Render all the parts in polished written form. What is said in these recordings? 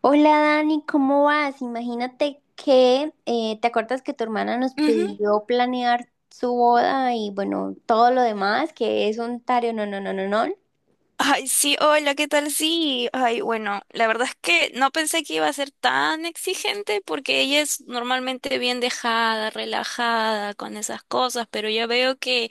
Hola Dani, ¿cómo vas? Imagínate que te acuerdas que tu hermana nos Ujú. pidió planear su boda y bueno, todo lo demás, que es un tario, no, no, no, no, no. Ay, sí, hola, ¿qué tal? Sí, ay, bueno, la verdad es que no pensé que iba a ser tan exigente porque ella es normalmente bien dejada, relajada con esas cosas, pero ya veo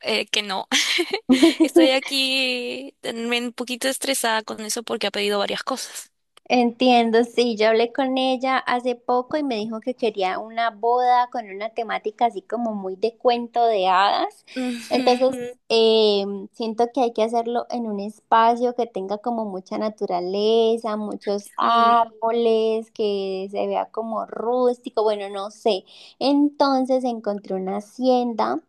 que no. Estoy aquí también un poquito estresada con eso porque ha pedido varias cosas. Entiendo, sí, yo hablé con ella hace poco y me dijo que quería una boda con una temática así como muy de cuento de hadas. Ujú. Entonces, Ujú. Siento que hay que hacerlo en un espacio que tenga como mucha naturaleza, muchos Sí. árboles, que se vea como rústico, bueno, no sé. Entonces encontré una hacienda.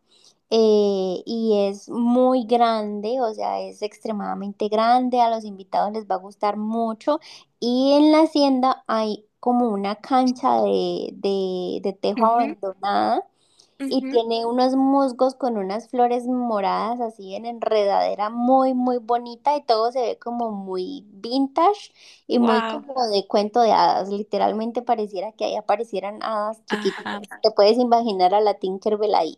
Y es muy grande, o sea, es extremadamente grande, a los invitados les va a gustar mucho. Y en la hacienda hay como una cancha de tejo Ujú, abandonada y ujú. tiene unos musgos con unas flores moradas así en enredadera muy bonita y todo se ve como muy vintage y muy Wow. como de cuento de hadas. Literalmente pareciera que ahí aparecieran hadas Ajá. chiquititas. Te puedes imaginar a la Tinkerbell ahí.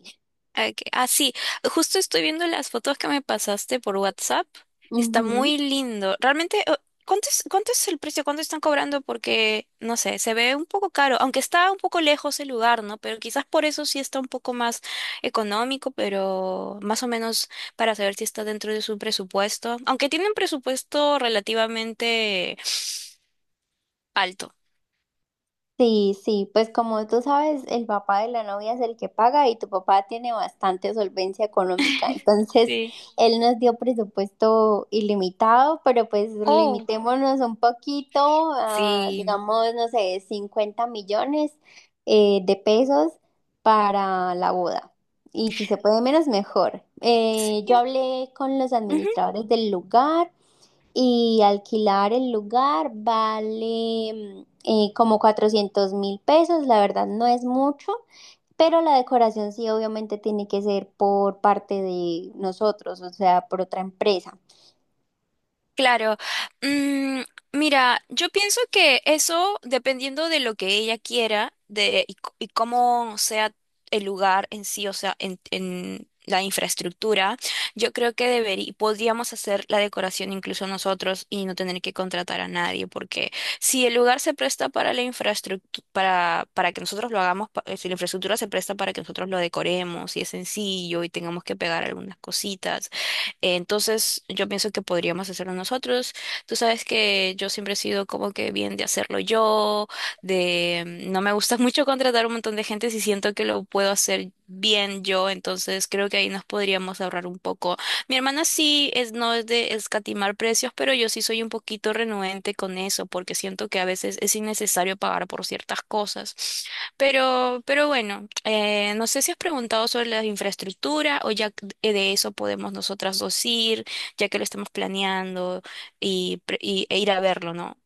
Ah, ok. Ah, sí, justo estoy viendo las fotos que me pasaste por WhatsApp. Está Ujú. muy lindo. Realmente, ¿cuánto es el precio? ¿Cuánto están cobrando? Porque, no sé, se ve un poco caro, aunque está un poco lejos el lugar, ¿no? Pero quizás por eso sí está un poco más económico, pero más o menos para saber si está dentro de su presupuesto. Aunque tiene un presupuesto relativamente alto. Sí, sí, pues como tú sabes, el papá de la novia es el que paga y tu papá tiene bastante solvencia económica. Entonces, Sí. él nos dio presupuesto ilimitado, pero pues Oh, limitémonos un poquito a, sí. digamos, no sé, 50 millones de pesos para la boda. Y si se puede menos, mejor. Yo hablé con los Sí. administradores del lugar. Y alquilar el lugar vale como 400 mil pesos, la verdad no es mucho, pero la decoración sí obviamente tiene que ser por parte de nosotros, o sea, por otra empresa. Claro. Mm, mira, yo pienso que eso, dependiendo de lo que ella quiera y cómo sea el lugar en sí, o sea, en la infraestructura, yo creo que podríamos hacer la decoración incluso nosotros y no tener que contratar a nadie, porque si el lugar se presta para la infraestructura, para que nosotros lo hagamos, si la infraestructura se presta para que nosotros lo decoremos y es sencillo y tengamos que pegar algunas cositas. Entonces, yo pienso que podríamos hacerlo nosotros. Tú sabes que yo siempre he sido como que bien de hacerlo yo, de no me gusta mucho contratar un montón de gente si siento que lo puedo hacer bien yo, entonces creo que ahí nos podríamos ahorrar un poco. Mi hermana sí es no es de escatimar precios, pero yo sí soy un poquito renuente con eso porque siento que a veces es innecesario pagar por ciertas cosas. Pero bueno, no sé si has preguntado sobre la infraestructura o ya de eso podemos nosotras dos ir, ya que lo estamos planeando y e ir a verlo, ¿no?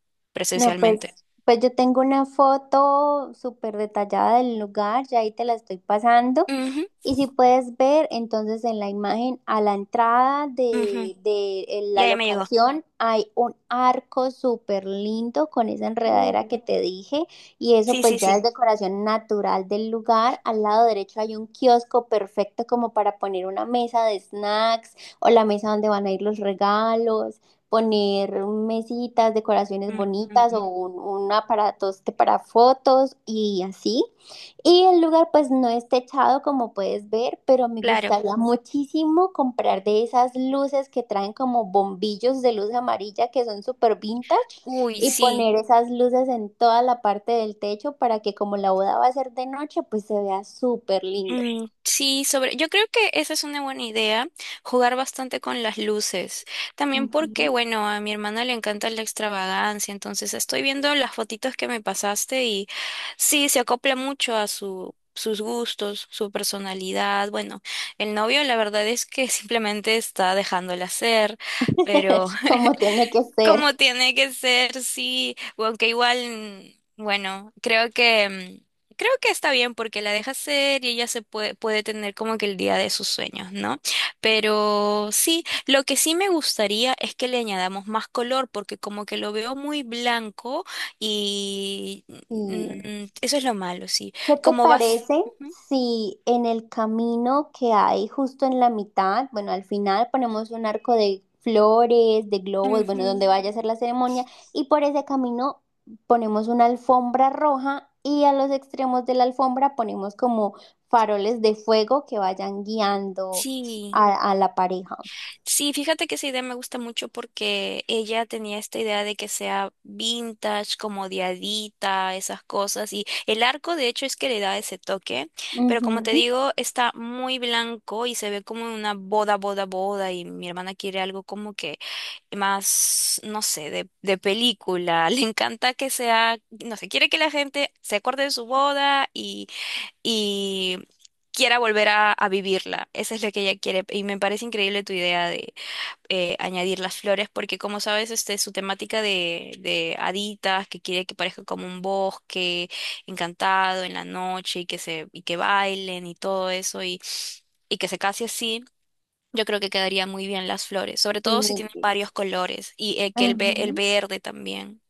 No, pues, Presencialmente. pues yo tengo una foto súper detallada del lugar, ya ahí te la estoy pasando. Ujú, Y si puedes ver, entonces en la imagen a la entrada ujú. de en la Ya, ya me llegó. locación hay un arco súper lindo con esa enredadera Uh, que te dije y eso sí, pues sí, ya es sí. decoración natural del lugar. Al lado derecho hay un kiosco perfecto como para poner una mesa de snacks o la mesa donde van a ir los regalos poner mesitas, decoraciones Mm, bonitas o mm. Un aparato este para fotos y así. Y el lugar pues no es techado como puedes ver, pero me Claro. gustaría muchísimo comprar de esas luces que traen como bombillos de luz amarilla que son súper vintage Uy, y sí. poner esas luces en toda la parte del techo para que como la boda va a ser de noche pues se vea súper lindo. Mm, sí, sobre, yo creo que esa es una buena idea, jugar bastante con las luces. También porque, Ujú. bueno, a mi hermana le encanta la extravagancia, entonces estoy viendo las fotitos que me pasaste y sí, se acopla mucho a sus gustos, su personalidad. Bueno, el novio la verdad es que simplemente está dejándola ser, pero Como tiene que ser. como tiene que ser, sí. O aunque igual, bueno, creo que está bien porque la deja ser y ella puede tener como que el día de sus sueños, ¿no? Pero sí, lo que sí me gustaría es que le añadamos más color porque como que lo veo muy blanco y Sí. Eso es lo malo, sí. ¿Qué te Como vas... parece Ujú, si en el camino que hay justo en la mitad, bueno, al final ponemos un arco de flores, de globos, bueno, ujú. donde vaya a ser la ceremonia, y por ese camino ponemos una alfombra roja y a los extremos de la alfombra ponemos como faroles de fuego que vayan guiando Sí. A la pareja? Sí, fíjate que esa idea me gusta mucho porque ella tenía esta idea de que sea vintage, como diadita, esas cosas. Y el arco, de hecho, es que le da ese toque. Pero como te Ujú, digo, está muy blanco y se ve como una boda, boda, boda. Y mi hermana quiere algo como que más, no sé, de película. Le encanta que sea, no sé, quiere que la gente se acuerde de su boda y quiera volver a vivirla. Esa es la que ella quiere. Y me parece increíble tu idea añadir las flores, porque como sabes, este, su temática de haditas, que quiere que parezca como un bosque encantado en la noche y y que bailen y todo eso y que se case así. Yo creo que quedaría muy bien las flores, sobre todo si tienen sí, varios colores y el ujú. verde también.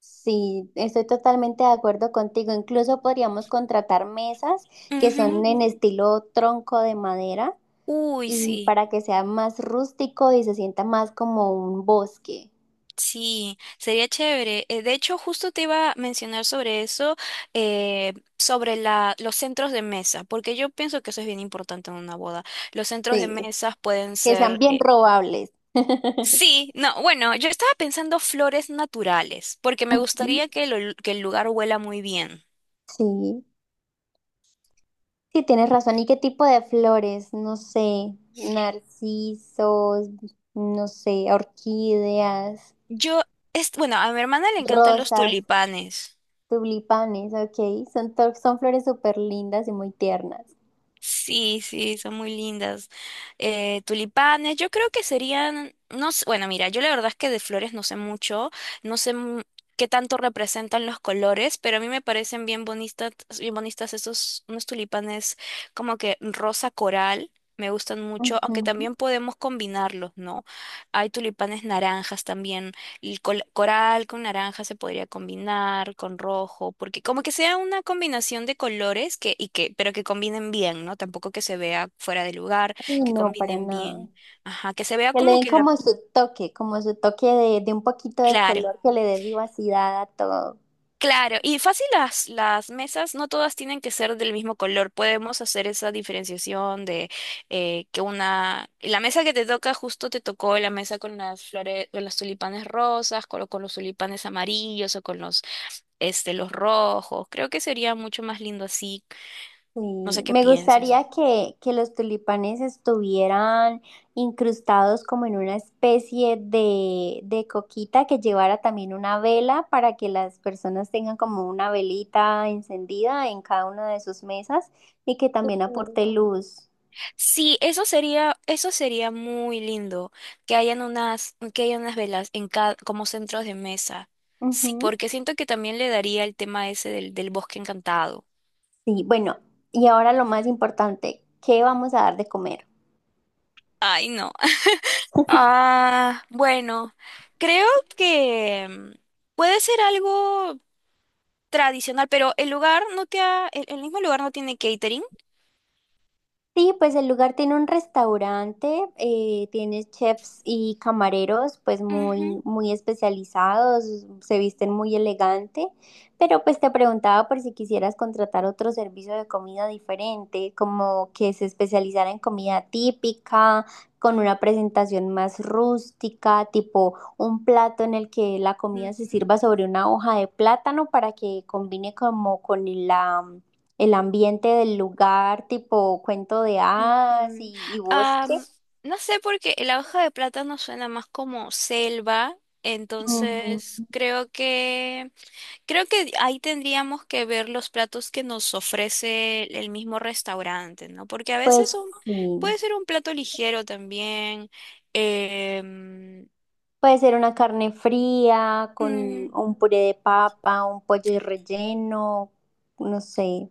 Sí, estoy totalmente de acuerdo contigo. Incluso podríamos contratar mesas que son Ujú. en estilo tronco de madera Uy, y sí. para que sea más rústico y se sienta más como un bosque. Sí, sería chévere. De hecho, justo te iba a mencionar sobre eso, sobre los centros de mesa, porque yo pienso que eso es bien importante en una boda. Los centros de Sí, mesas pueden que sean ser... bien robables. sí, no, bueno, yo estaba pensando flores naturales, porque me Ujú. gustaría que, que el lugar huela muy bien. Sí, sí, tienes razón. ¿Y qué tipo de flores? No sé, narcisos, no sé, orquídeas, Yo, es, bueno, a mi hermana le encantan los rosas, tulipanes. tulipanes, ok. Son, son flores súper lindas y muy tiernas. Sí, sí, son muy lindas. Tulipanes, yo creo que serían, no sé, bueno, mira, yo la verdad es que de flores no sé mucho, no sé mu- qué tanto representan los colores, pero a mí me parecen bien bonitas esos, unos tulipanes como que rosa coral. Me gustan mucho, aunque Ujú. también podemos combinarlos, ¿no? Hay tulipanes naranjas también. Coral con naranja se podría combinar con rojo, porque como que sea una combinación de colores pero que combinen bien, ¿no? Tampoco que se vea fuera de lugar, Y que no, para combinen nada. bien. Ajá, que se vea Que le como den que la... como su toque de un poquito de Claro, color, que le dé vivacidad a todo. claro. Y fácil las mesas, no todas tienen que ser del mismo color. Podemos hacer esa diferenciación de La mesa que te toca justo te tocó la mesa con las flores, con los tulipanes rosas, con los tulipanes amarillos o con los este, los rojos. Creo que sería mucho más lindo así. No sé Sí. qué Me pienses. gustaría que los tulipanes estuvieran incrustados como en una especie de coquita que llevara también una vela para que las personas tengan como una velita encendida en cada una de sus mesas y que también Ujú. aporte luz. Sí, eso sería muy lindo, que hayan unas velas en cada, como centros de mesa. Sí, Ujú. porque siento que también le daría el tema ese del bosque encantado. Sí, bueno, y ahora lo más importante, ¿qué vamos a dar de comer? Ay, no. Ah, bueno, creo que mm, puede ser algo tradicional, pero el mismo lugar no tiene catering. Sí, pues el lugar tiene un restaurante, tiene chefs y camareros pues Ujú, muy especializados, se visten muy elegante, pero pues te preguntaba por si quisieras contratar otro servicio de comida diferente, como que se especializara en comida típica, con una presentación más rústica, tipo un plato en el que la comida se ujú, sirva sobre una hoja de plátano para que combine como con la el ambiente del lugar, tipo cuento de hadas ujú. Y bosque. Am, no sé porque la hoja de plátano suena más como selva, Mm. entonces creo que creo que ahí tendríamos que ver los platos que nos ofrece el mismo restaurante, ¿no? Porque a Pues veces son, sí, puede ser un plato ligero también. em, puede ser una carne fría con mm, un puré de papa, un pollo relleno, no sé.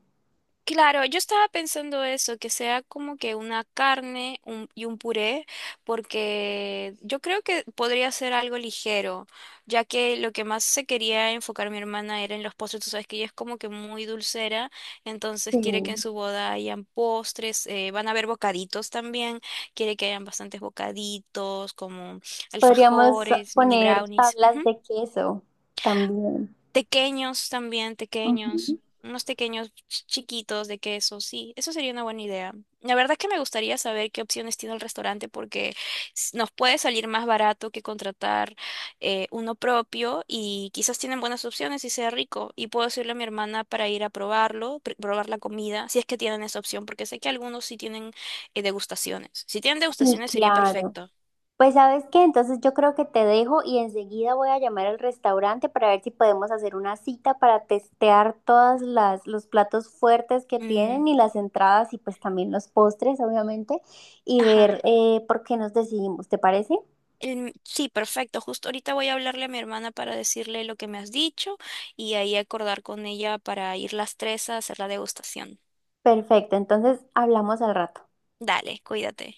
Claro, yo estaba pensando eso, que sea como que una carne y un puré, porque yo creo que podría ser algo ligero, ya que lo que más se quería enfocar mi hermana era en los postres, tú sabes que ella es como que muy dulcera, entonces quiere que en Sí. su boda hayan postres, van a haber bocaditos también, quiere que hayan bastantes bocaditos como Podríamos alfajores, mini poner brownies. tablas de queso también. Tequeños también, tequeños, Ujú. unos tequeños chiquitos de queso, sí, eso sería una buena idea. La verdad es que me gustaría saber qué opciones tiene el restaurante porque nos puede salir más barato que contratar uno propio y quizás tienen buenas opciones y sea rico. Y puedo decirle a mi hermana para ir a probarlo, probar la comida, si es que tienen esa opción, porque sé que algunos sí tienen degustaciones. Si tienen Sí, degustaciones sería claro. perfecto. Pues sabes qué, entonces yo creo que te dejo y enseguida voy a llamar al restaurante para ver si podemos hacer una cita para testear todas las los platos fuertes que Mm, tienen y las entradas y pues también los postres, obviamente, y ajá. ver por qué nos decidimos, ¿te parece? Sí, perfecto. Justo ahorita voy a hablarle a mi hermana para decirle lo que me has dicho y ahí acordar con ella para ir las tres a hacer la degustación. Perfecto, entonces hablamos al rato. Dale, cuídate.